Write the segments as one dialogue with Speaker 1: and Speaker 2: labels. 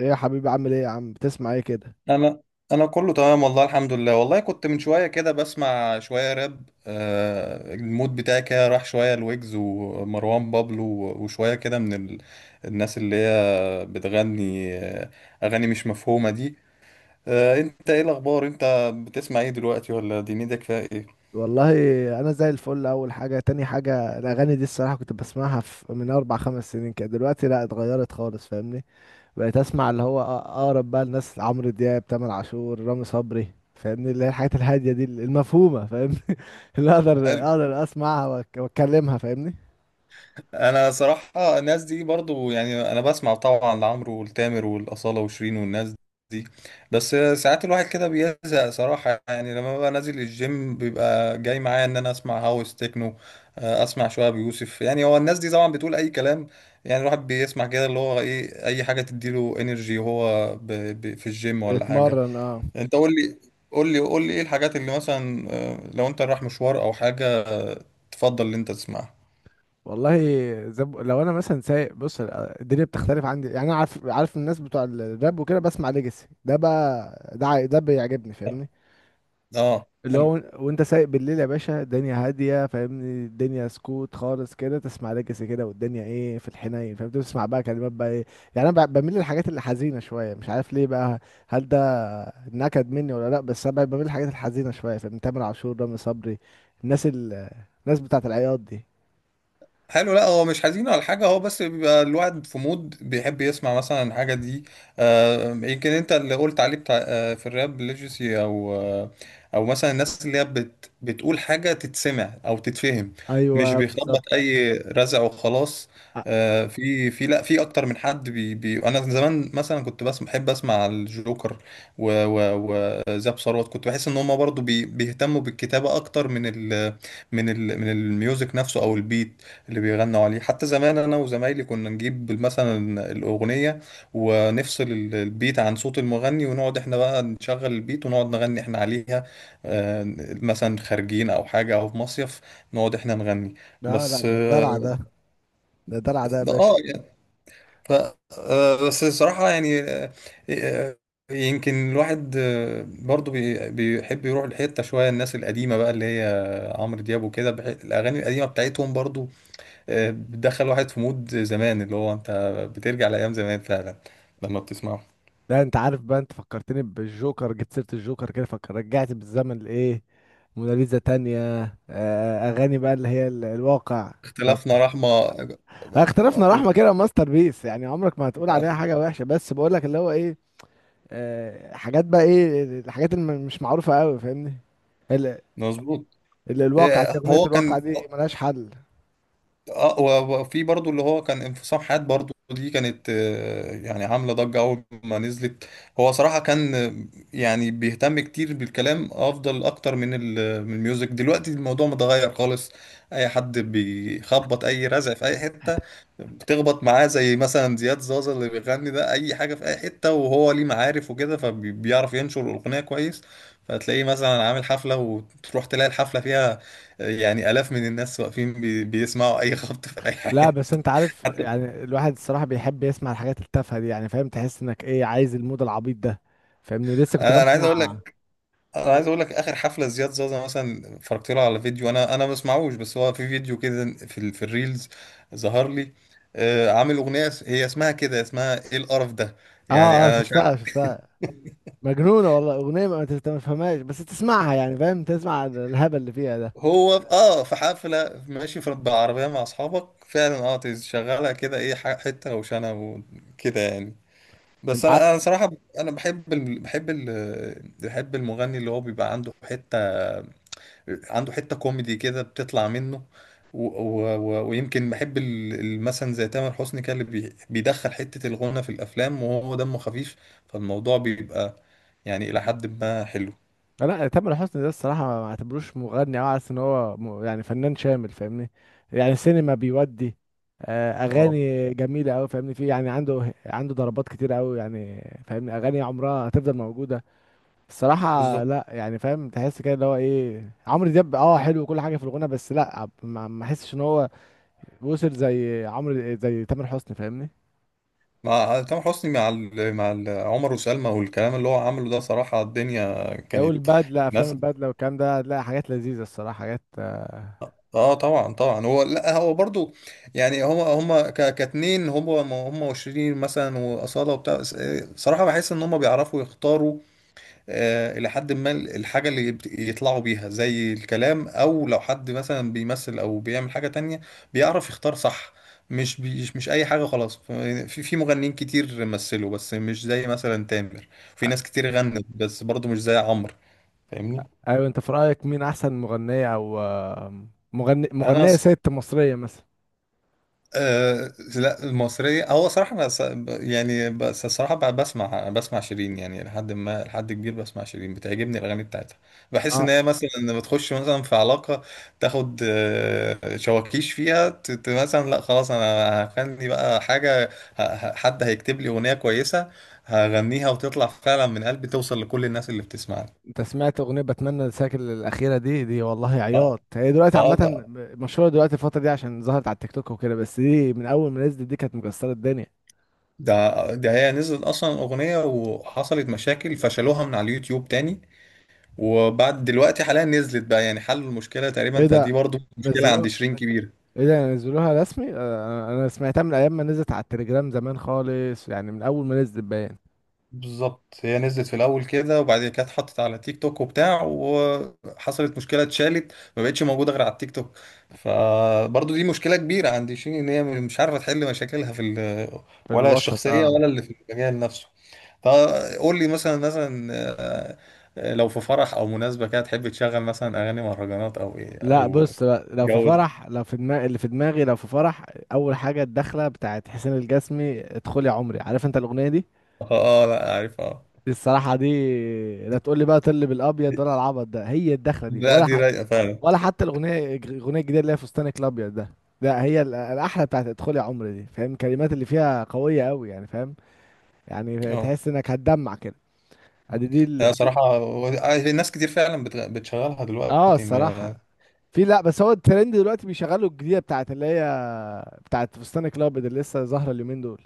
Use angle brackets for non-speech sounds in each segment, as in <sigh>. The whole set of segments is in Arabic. Speaker 1: ايه يا حبيبي، عامل ايه يا عم؟ بتسمع ايه كده؟
Speaker 2: انا انا كله تمام والله، الحمد لله. والله كنت من شويه كده بسمع شويه راب، المود بتاعي كده راح شويه، لويجز ومروان بابلو، وشويه كده من الناس اللي هي بتغني اغاني مش مفهومه دي. انت ايه الاخبار؟ انت بتسمع ايه دلوقتي؟ ولا دنيتك فيها ايه؟
Speaker 1: والله انا زي الفل. اول حاجه، تاني حاجه، الاغاني دي الصراحه كنت بسمعها في من اربع خمس سنين كده. دلوقتي لا، اتغيرت خالص، فاهمني. بقيت اسمع اللي هو اقرب بقى الناس: عمرو دياب، تامر عاشور، رامي صبري، فاهمني. اللي هي الحاجات الهاديه دي المفهومه، فاهمني. <laughs> اللي اقدر اسمعها واتكلمها، فاهمني.
Speaker 2: انا صراحة الناس دي برضو، يعني انا بسمع طبعا لعمرو والتامر والاصالة وشيرين والناس دي، بس ساعات الواحد كده بيزهق صراحة. يعني لما ببقى نازل الجيم بيبقى جاي معايا ان انا اسمع هاوس تكنو، اسمع شوية بيوسف. يعني هو الناس دي طبعا بتقول اي كلام، يعني الواحد بيسمع كده اللي هو ايه، اي حاجة تديله انرجي وهو في الجيم ولا حاجة.
Speaker 1: اتمرن، اه.
Speaker 2: انت قول لي، قول لي ايه الحاجات اللي مثلا، لو انت رايح مشوار او حاجة تفضل ان انت تسمعها.
Speaker 1: والله، لو انا مثلا سايق، بص، الدنيا بتختلف عندي. يعني انا عارف الناس بتوع الراب وكده، بسمع ليجاسي ده بقى، ده بيعجبني، فاهمني.
Speaker 2: اه
Speaker 1: اللي
Speaker 2: حلو.
Speaker 1: هو، وانت سايق بالليل يا باشا الدنيا هاديه، فاهمني. الدنيا سكوت خالص كده، تسمع ليجاسي كده، والدنيا ايه في الحنين، فاهم؟ تسمع بقى كلمات بقى ايه. يعني انا بميل للحاجات اللي حزينه شويه، مش عارف ليه بقى. هل ده نكد مني ولا لا؟ بس انا بميل للحاجات الحزينه شويه، فاهم؟ تامر عاشور، رامي صبري، الناس ال... الناس بتاعت العياط دي.
Speaker 2: حلو. لا هو مش حزين ولا حاجة، هو بس بيبقى الواحد في مود بيحب يسمع مثلا الحاجة دي. آه يمكن انت اللي قلت عليه بتاع، في الراب ليجسي، او او مثلا الناس اللي هي بتقول حاجة تتسمع او تتفهم، مش
Speaker 1: ايوه،
Speaker 2: بيخبط
Speaker 1: بالظبط.
Speaker 2: اي رزع وخلاص. في في لا في اكتر من حد بي بي انا زمان مثلا كنت بس بحب اسمع الجوكر وزاب ثروت، كنت بحس ان هم برضو بيهتموا بالكتابة اكتر من ال من الميوزك نفسه او البيت اللي بيغنوا عليه. حتى زمان انا وزمايلي كنا نجيب مثلا الاغنيه ونفصل البيت عن صوت المغني ونقعد احنا بقى نشغل البيت ونقعد نغني احنا عليها، آه، مثلا خارجين او حاجه او في مصيف نقعد احنا نغني.
Speaker 1: لا لا،
Speaker 2: بس
Speaker 1: ده
Speaker 2: اه.
Speaker 1: دلع ده، ده دلع ده يا باشا.
Speaker 2: يعني ف بس الصراحه يعني آه، يمكن الواحد برضو بيحب يروح لحته شويه الناس القديمه بقى اللي هي عمرو دياب وكده، الاغاني القديمه بتاعتهم برضو بتدخل واحد في مود زمان اللي هو انت بترجع لايام زمان فعلا لما بتسمعه.
Speaker 1: لا، انت عارف بقى، انت فكرتني بالجوكر، جبت سيرة الجوكر كده، فكر رجعت بالزمن لايه، موناليزا تانية. اغاني بقى اللي هي الواقع. طب،
Speaker 2: اختلافنا رحمه.
Speaker 1: اختلفنا رحمة كده ماستر بيس، يعني عمرك ما هتقول عليها حاجة وحشة، بس بقول لك اللي هو ايه، حاجات بقى، ايه الحاجات اللي مش معروفة قوي، فاهمني. ال-
Speaker 2: مظبوط.
Speaker 1: الواقع دي، اغنية
Speaker 2: هو كان
Speaker 1: الواقع دي ملهاش حل.
Speaker 2: اه وفي برضو اللي هو كان انفصام حاد برضو، دي كانت يعني عامله ضجه اول ما نزلت. هو صراحه كان، يعني بيهتم كتير بالكلام افضل اكتر من من الميوزك. دلوقتي الموضوع متغير خالص، اي حد بيخبط اي رزع في اي حته بتخبط معاه. زي مثلا زياد زازا اللي بيغني ده اي حاجه في اي حته، وهو ليه معارف وكده، فبيعرف ينشر الاغنيه كويس، فتلاقيه مثلا عامل حفله، وتروح تلاقي الحفله فيها يعني آلاف من الناس واقفين بيسمعوا أي خبط في أي
Speaker 1: لا،
Speaker 2: حاجة.
Speaker 1: بس انت عارف
Speaker 2: حتى
Speaker 1: يعني، الواحد الصراحة بيحب يسمع الحاجات التافهة دي، يعني فاهم؟ تحس انك ايه، عايز المود العبيط ده، فاهمني، لسه كنت
Speaker 2: أنا عايز أقول
Speaker 1: بسمع.
Speaker 2: لك، آخر حفلة زياد زازا مثلا اتفرجت له على فيديو. أنا ما بسمعوش، بس هو في فيديو كده في في الريلز ظهر لي. آه عامل أغنية هي اسمها كده، اسمها إيه القرف ده، يعني
Speaker 1: اه، اه،
Speaker 2: أنا مش
Speaker 1: شفتها
Speaker 2: عارف.
Speaker 1: شفتها، مجنونة والله، اغنية ما انت ما تفهمهاش بس تسمعها، يعني فاهم؟ تسمع الهبل اللي فيها ده.
Speaker 2: هو في- آه في حفلة ماشي، في بالعربية مع أصحابك فعلا، آه تشغلها كده إيه حتة روشنة وكده يعني. بس
Speaker 1: انت عارف،
Speaker 2: انا صراحه انا بحب المغني اللي هو بيبقى عنده حته، عنده حته كوميدي كده بتطلع منه. ويمكن بحب مثلا زي تامر حسني كده اللي بيدخل حته الغنى في الافلام وهو دمه خفيف، فالموضوع بيبقى يعني الى حد ما حلو.
Speaker 1: لا تامر حسني ده الصراحة، ما اعتبروش مغني، او عارف ان هو يعني فنان شامل، فاهمني. يعني سينما بيودي،
Speaker 2: اه
Speaker 1: اغاني جميلة اوي، فاهمني، في يعني عنده ضربات كتير اوي يعني. فاهمني، اغاني عمرها هتفضل موجودة. الصراحة
Speaker 2: بالظبط.
Speaker 1: لا، يعني فاهم؟ تحس كده اللي هو ايه، عمرو دياب اه حلو وكل حاجة في الغنى، بس لا، ما احسش ان هو وصل زي عمرو زي تامر حسني، فاهمني.
Speaker 2: مع تامر حسني مع عمر وسلمى والكلام اللي هو عمله ده، صراحه الدنيا كانت
Speaker 1: والبدلة، افلام
Speaker 2: ناس.
Speaker 1: البدلة والكلام ده، هتلاقي حاجات لذيذة الصراحة، حاجات.
Speaker 2: اه طبعا طبعا. هو لا هو برضو، يعني هما كاتنين، هما هما وشيرين مثلا واصاله وبتاع صراحه بحس ان هما بيعرفوا يختاروا آه الى حد ما الحاجه اللي يطلعوا بيها، زي الكلام او لو حد مثلا بيمثل او بيعمل حاجه تانية بيعرف يختار صح، مش اي حاجه خلاص. في في مغنيين كتير مثلوا بس مش زي مثلا تامر، في ناس كتير غنت بس برضو مش زي عمرو. فاهمني.
Speaker 1: ايوه، انت في رأيك مين احسن مغنية او مغني،
Speaker 2: انا
Speaker 1: مغنية ست مصرية مثلا؟
Speaker 2: أه لا المصرية هو صراحة أنا يعني بس الصراحة بسمع شيرين يعني لحد ما لحد كبير. بسمع شيرين، بتعجبني الأغاني بتاعتها. بحس
Speaker 1: اه،
Speaker 2: إن هي مثلا لما بتخش مثلا في علاقة، تاخد شواكيش فيها مثلا لا خلاص أنا هغني بقى حاجة، حد هيكتب لي أغنية كويسة هغنيها وتطلع فعلا من قلبي، توصل لكل الناس اللي بتسمعني.
Speaker 1: انت سمعت اغنية بتمنى انساك الاخيرة دي؟ دي والله
Speaker 2: اه.
Speaker 1: عياط. هي دلوقتي
Speaker 2: اه
Speaker 1: عامة،
Speaker 2: ده.
Speaker 1: مشهورة دلوقتي الفترة دي عشان ظهرت على التيك توك وكده، بس دي من اول ما نزلت دي كانت مكسرة الدنيا.
Speaker 2: ده. ده هي نزلت أصلا أغنية وحصلت مشاكل فشلوها من على اليوتيوب تاني، وبعد دلوقتي حاليا نزلت بقى يعني حلوا المشكلة تقريبا.
Speaker 1: ايه
Speaker 2: فدي
Speaker 1: ده،
Speaker 2: برضو مشكلة عند
Speaker 1: نزلوها؟
Speaker 2: شيرين كبيرة.
Speaker 1: ايه ده، نزلوها رسمي؟ انا سمعتها من ايام ما نزلت على التليجرام زمان خالص، يعني من اول ما نزلت باين.
Speaker 2: بالظبط، هي نزلت في الأول كده، وبعدين كانت اتحطت على تيك توك وبتاع، وحصلت مشكلة، اتشالت، ما بقتش موجودة غير على التيك توك. فبرضو دي مشكلة كبيرة عند شيرين إن هي مش عارفة تحل مشاكلها في
Speaker 1: في
Speaker 2: ولا
Speaker 1: الوسط،
Speaker 2: الشخصية
Speaker 1: اه.
Speaker 2: ولا اللي في المجال نفسه. فقول لي مثلا آه، لو في فرح أو مناسبة كده تحب تشغل مثلا أغاني مهرجانات أو إيه
Speaker 1: لا
Speaker 2: أو
Speaker 1: بص بقى، لو في
Speaker 2: جو ده؟
Speaker 1: فرح، لو في دماغ اللي في دماغي لو في فرح، اول حاجه الدخله بتاعت حسين الجسمي، ادخل يا عمري، عارف انت الاغنيه دي؟
Speaker 2: اه. لا عارف اه.
Speaker 1: دي الصراحه دي، لا تقول لي بقى طل بالابيض، ولا العبط ده هي الدخله دي؟
Speaker 2: لا دي رايقة فعلا.
Speaker 1: ولا حتى الاغنيه الجديده اللي هي فستانك الابيض ده. لا، هي الاحلى بتاعت ادخل يا عمري دي، فاهم؟ الكلمات اللي فيها قويه قوي يعني، فاهم؟ يعني
Speaker 2: اه.
Speaker 1: تحس انك هتدمع كده. ادي دي
Speaker 2: لا
Speaker 1: ال...
Speaker 2: صراحة ناس كتير فعلا بتشغلها
Speaker 1: اه،
Speaker 2: دلوقتي
Speaker 1: الصراحه،
Speaker 2: ما
Speaker 1: في، لا، بس هو الترند دلوقتي بيشغلوا الجديده بتاعت اللي هي بتاعت فستان الابيض اللي لسه ظاهره اليومين دول.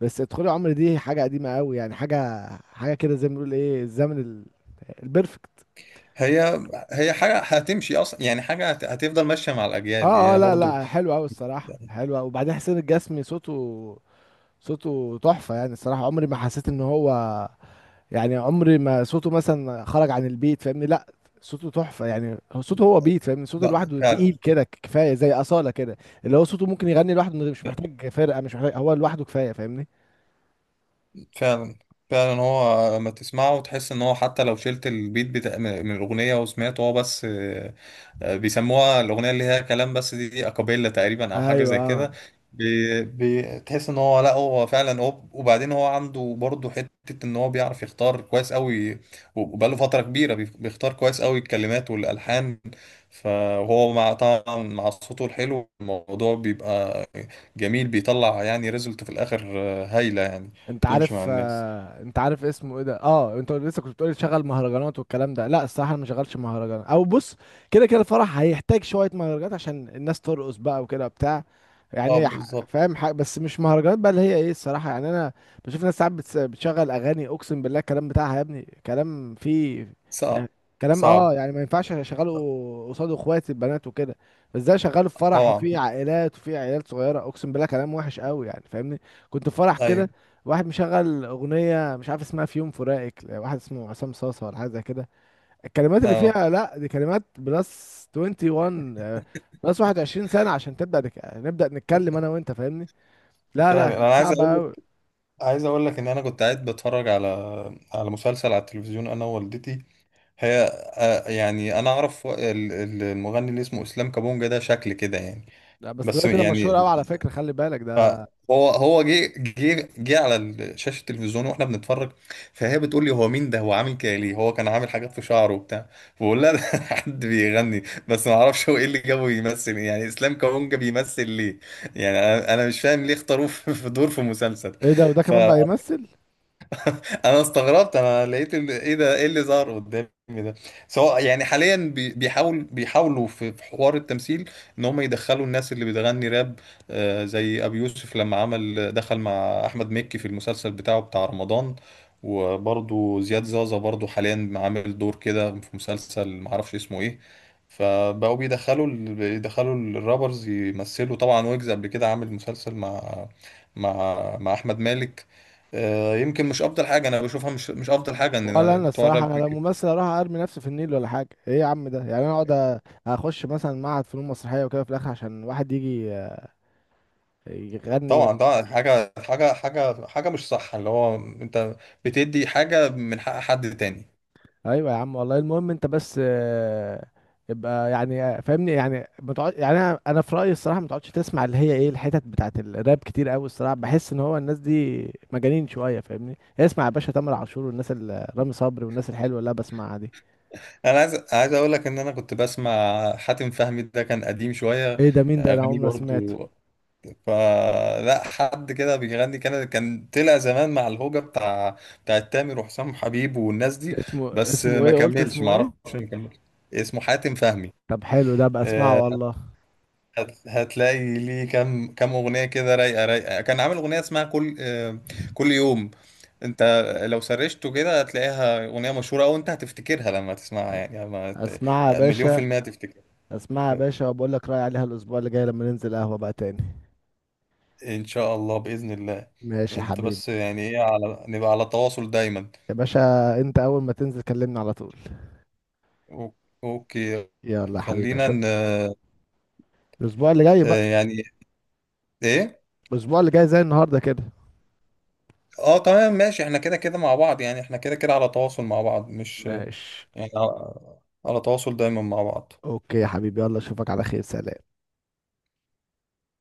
Speaker 1: بس ادخلي عمر دي حاجه قديمه قوي يعني، حاجه حاجه كده زي ما بنقول، ايه، الزمن البرفكت.
Speaker 2: هي. هي حاجة هتمشي أصلا، يعني حاجة هتفضل ماشية مع الأجيال
Speaker 1: اه، اه،
Speaker 2: هي
Speaker 1: لا
Speaker 2: برضو.
Speaker 1: لا، حلو قوي الصراحه، حلو قوي. وبعدين حسين الجسمي، صوته، صوته تحفه يعني الصراحه، عمري ما حسيت ان هو، يعني عمري ما صوته مثلا خرج عن البيت، فاهمني، لا، صوته تحفة يعني، هو صوته هو بيت، فاهمني، صوته
Speaker 2: لا
Speaker 1: لوحده
Speaker 2: فعلا.
Speaker 1: تقيل كده كفاية، زي أصالة كده. اللي هو صوته ممكن يغني لوحده من مش محتاج فرقة، مش محتاج، هو لوحده كفاية، فاهمني.
Speaker 2: فعلا فعلا هو لما تسمعه وتحس إن هو حتى لو شلت البيت بتاع من الأغنية وسمعته هو بس، بيسموها الأغنية اللي هي كلام بس دي، دي أكابيلا تقريبا أو حاجة زي
Speaker 1: ايوه،
Speaker 2: كده. بي- بتحس إن هو لا هو فعلا. هو وبعدين هو عنده برضه حتة إن هو بيعرف يختار كويس أوي، وبقاله فترة كبيرة بيختار كويس أوي الكلمات والألحان، فهو مع طبعا مع صوته الحلو الموضوع بيبقى جميل، بيطلع يعني ريزلت في الآخر هايلة يعني.
Speaker 1: انت
Speaker 2: تمشي
Speaker 1: عارف،
Speaker 2: مع الناس.
Speaker 1: انت عارف اسمه ايه ده؟ اه، انت لسه كنت بتقولي تشغل مهرجانات والكلام ده، لا الصراحه انا ما شغلش مهرجانات، او بص، كده كده الفرح هيحتاج شويه مهرجانات عشان الناس ترقص بقى وكده بتاع. يعني
Speaker 2: صعب. بالظبط.
Speaker 1: فاهم؟ حاجه بس مش مهرجانات بقى اللي هي ايه، الصراحه يعني انا بشوف ناس ساعات بتشغل اغاني، اقسم بالله الكلام بتاعها يا ابني كلام فيه، يعني
Speaker 2: صعب.
Speaker 1: كلام، اه،
Speaker 2: صعب.
Speaker 1: يعني ما ينفعش اشغله قصاد اخواتي البنات وكده. بس ده شغاله في فرح
Speaker 2: طبعا.
Speaker 1: وفي عائلات وفي عيال صغيره، اقسم بالله كلام وحش قوي يعني، فاهمني. كنت في فرح كده،
Speaker 2: أيوه.
Speaker 1: واحد مشغل اغنيه مش عارف اسمها، في يوم فراقك، واحد اسمه عصام صاصه ولا حاجه زي كده. الكلمات اللي
Speaker 2: أه.
Speaker 1: فيها، لا دي كلمات بلس 21، بلس 21 سنه عشان تبدا نبدا نتكلم انا وانت، فاهمني. لا لا،
Speaker 2: فاهم.
Speaker 1: كانت
Speaker 2: انا عايز
Speaker 1: صعبه
Speaker 2: اقول
Speaker 1: قوي.
Speaker 2: عايز اقول لك ان انا كنت قاعد بتفرج على، على مسلسل على التلفزيون انا ووالدتي. هي، يعني انا اعرف المغني اللي اسمه اسلام كابونجا، ده شكل كده يعني.
Speaker 1: لا، بس
Speaker 2: بس
Speaker 1: دلوقتي ده مشهور
Speaker 2: يعني.
Speaker 1: قوي على فكره، خلي بالك
Speaker 2: ف-
Speaker 1: ده.
Speaker 2: هو جه على شاشه التلفزيون واحنا بنتفرج، فهي بتقول لي هو مين ده؟ هو عامل كده ليه؟ هو كان عامل حاجات في شعره وبتاع. بقول لها ده <laughs> حد بيغني. بس ما اعرفش هو ايه اللي جابه يمثل يعني. اسلام كابونجا بيمثل ليه؟ يعني انا مش فاهم ليه اختاروه <laughs> في في دور في مسلسل.
Speaker 1: ايه ده؟ وده كمان بقى يمثل؟
Speaker 2: انا استغربت، انا لقيت ايه ده؟ ايه اللي ظهر قدامي ده؟ سواء يعني حاليا بيحاولوا في في حوار التمثيل ان هم يدخلوا الناس اللي بتغني راب، زي ابي يوسف لما عمل دخل مع احمد مكي في المسلسل بتاعه بتاع رمضان. وبرضو زياد زازا برضو حاليا عامل دور كده في مسلسل معرفش اسمه ايه، فبقوا بيدخلوا بيدخلوا الرابرز يمثلوا طبعا. ويجز قبل كده عامل مسلسل مع مع احمد مالك. يمكن مش افضل حاجه انا بشوفها، مش مش افضل حاجه
Speaker 1: ولا
Speaker 2: ان
Speaker 1: انا
Speaker 2: بتوع
Speaker 1: الصراحه،
Speaker 2: الراب.
Speaker 1: انا لو ممثل اروح ارمي نفسي في النيل، ولا حاجه ايه يا عم ده، يعني انا اقعد اخش مثلا معهد فنون مسرحيه وكده في الاخر عشان واحد يجي يغني؟
Speaker 2: طبعا ده حاجه مش صح، اللي هو انت بتدي حاجه من حق حد تاني.
Speaker 1: ايوه يا عم والله، المهم انت بس، ابقى يعني، فاهمني، يعني ما تقعد، يعني انا في رايي الصراحه ما تقعدش تسمع اللي هي ايه، الحتت بتاعت الراب كتير قوي الصراحه، بحس ان هو الناس دي مجانين شويه، فاهمني، اسمع يا باشا تامر عاشور والناس رامي صبري والناس الحلوه اللي انا بسمعها دي.
Speaker 2: انا عايز عايز اقول لك ان انا كنت بسمع حاتم فهمي، ده كان قديم شويه.
Speaker 1: ايه ده؟ مين ده؟ انا
Speaker 2: اغانيه
Speaker 1: عمري ما سمعته.
Speaker 2: برضو فلا، حد كده بيغني، كان كان طلع زمان مع الهوجه بتاع، بتاع تامر وحسام حبيب والناس دي،
Speaker 1: اسمه،
Speaker 2: بس
Speaker 1: اسمه
Speaker 2: ما
Speaker 1: ايه، قلت
Speaker 2: كملش
Speaker 1: اسمه
Speaker 2: ما اعرفش
Speaker 1: ايه؟
Speaker 2: ما كملش. اسمه حاتم فهمي.
Speaker 1: طب حلو ده بقى،
Speaker 2: آه،
Speaker 1: اسمعه والله.
Speaker 2: هتلاقي ليه كام كام اغنيه كده رايقه رايقه. كان عامل اغنيه اسمها كل، كل يوم. انت لو سرشته كده هتلاقيها اغنيه مشهوره، او انت هتفتكرها لما تسمعها يعني لما
Speaker 1: اسمعها يا
Speaker 2: مليون في
Speaker 1: باشا،
Speaker 2: المية هتفتكرها.
Speaker 1: اسمعها يا باشا وبقول لك رايي عليها الاسبوع اللي جاي لما ننزل قهوه بقى تاني.
Speaker 2: ان شاء الله باذن الله.
Speaker 1: ماشي يا
Speaker 2: انت
Speaker 1: حبيبي.
Speaker 2: بس يعني ايه على نبقى على تواصل دايما.
Speaker 1: يا باشا انت اول ما تنزل كلمني على طول.
Speaker 2: أو- اوكي.
Speaker 1: يلا يا حبيبي،
Speaker 2: خلينا
Speaker 1: اشوف
Speaker 2: ن... آه،
Speaker 1: الاسبوع اللي جاي بقى،
Speaker 2: يعني ايه.
Speaker 1: الاسبوع اللي جاي زي النهارده كده،
Speaker 2: اه تمام ماشي، احنا كده كده مع بعض، يعني احنا كده كده على تواصل مع بعض، مش
Speaker 1: ماشي،
Speaker 2: يعني على على تواصل دايما مع بعض.
Speaker 1: اوكي يا حبيبي، يلا اشوفك على خير، سلام.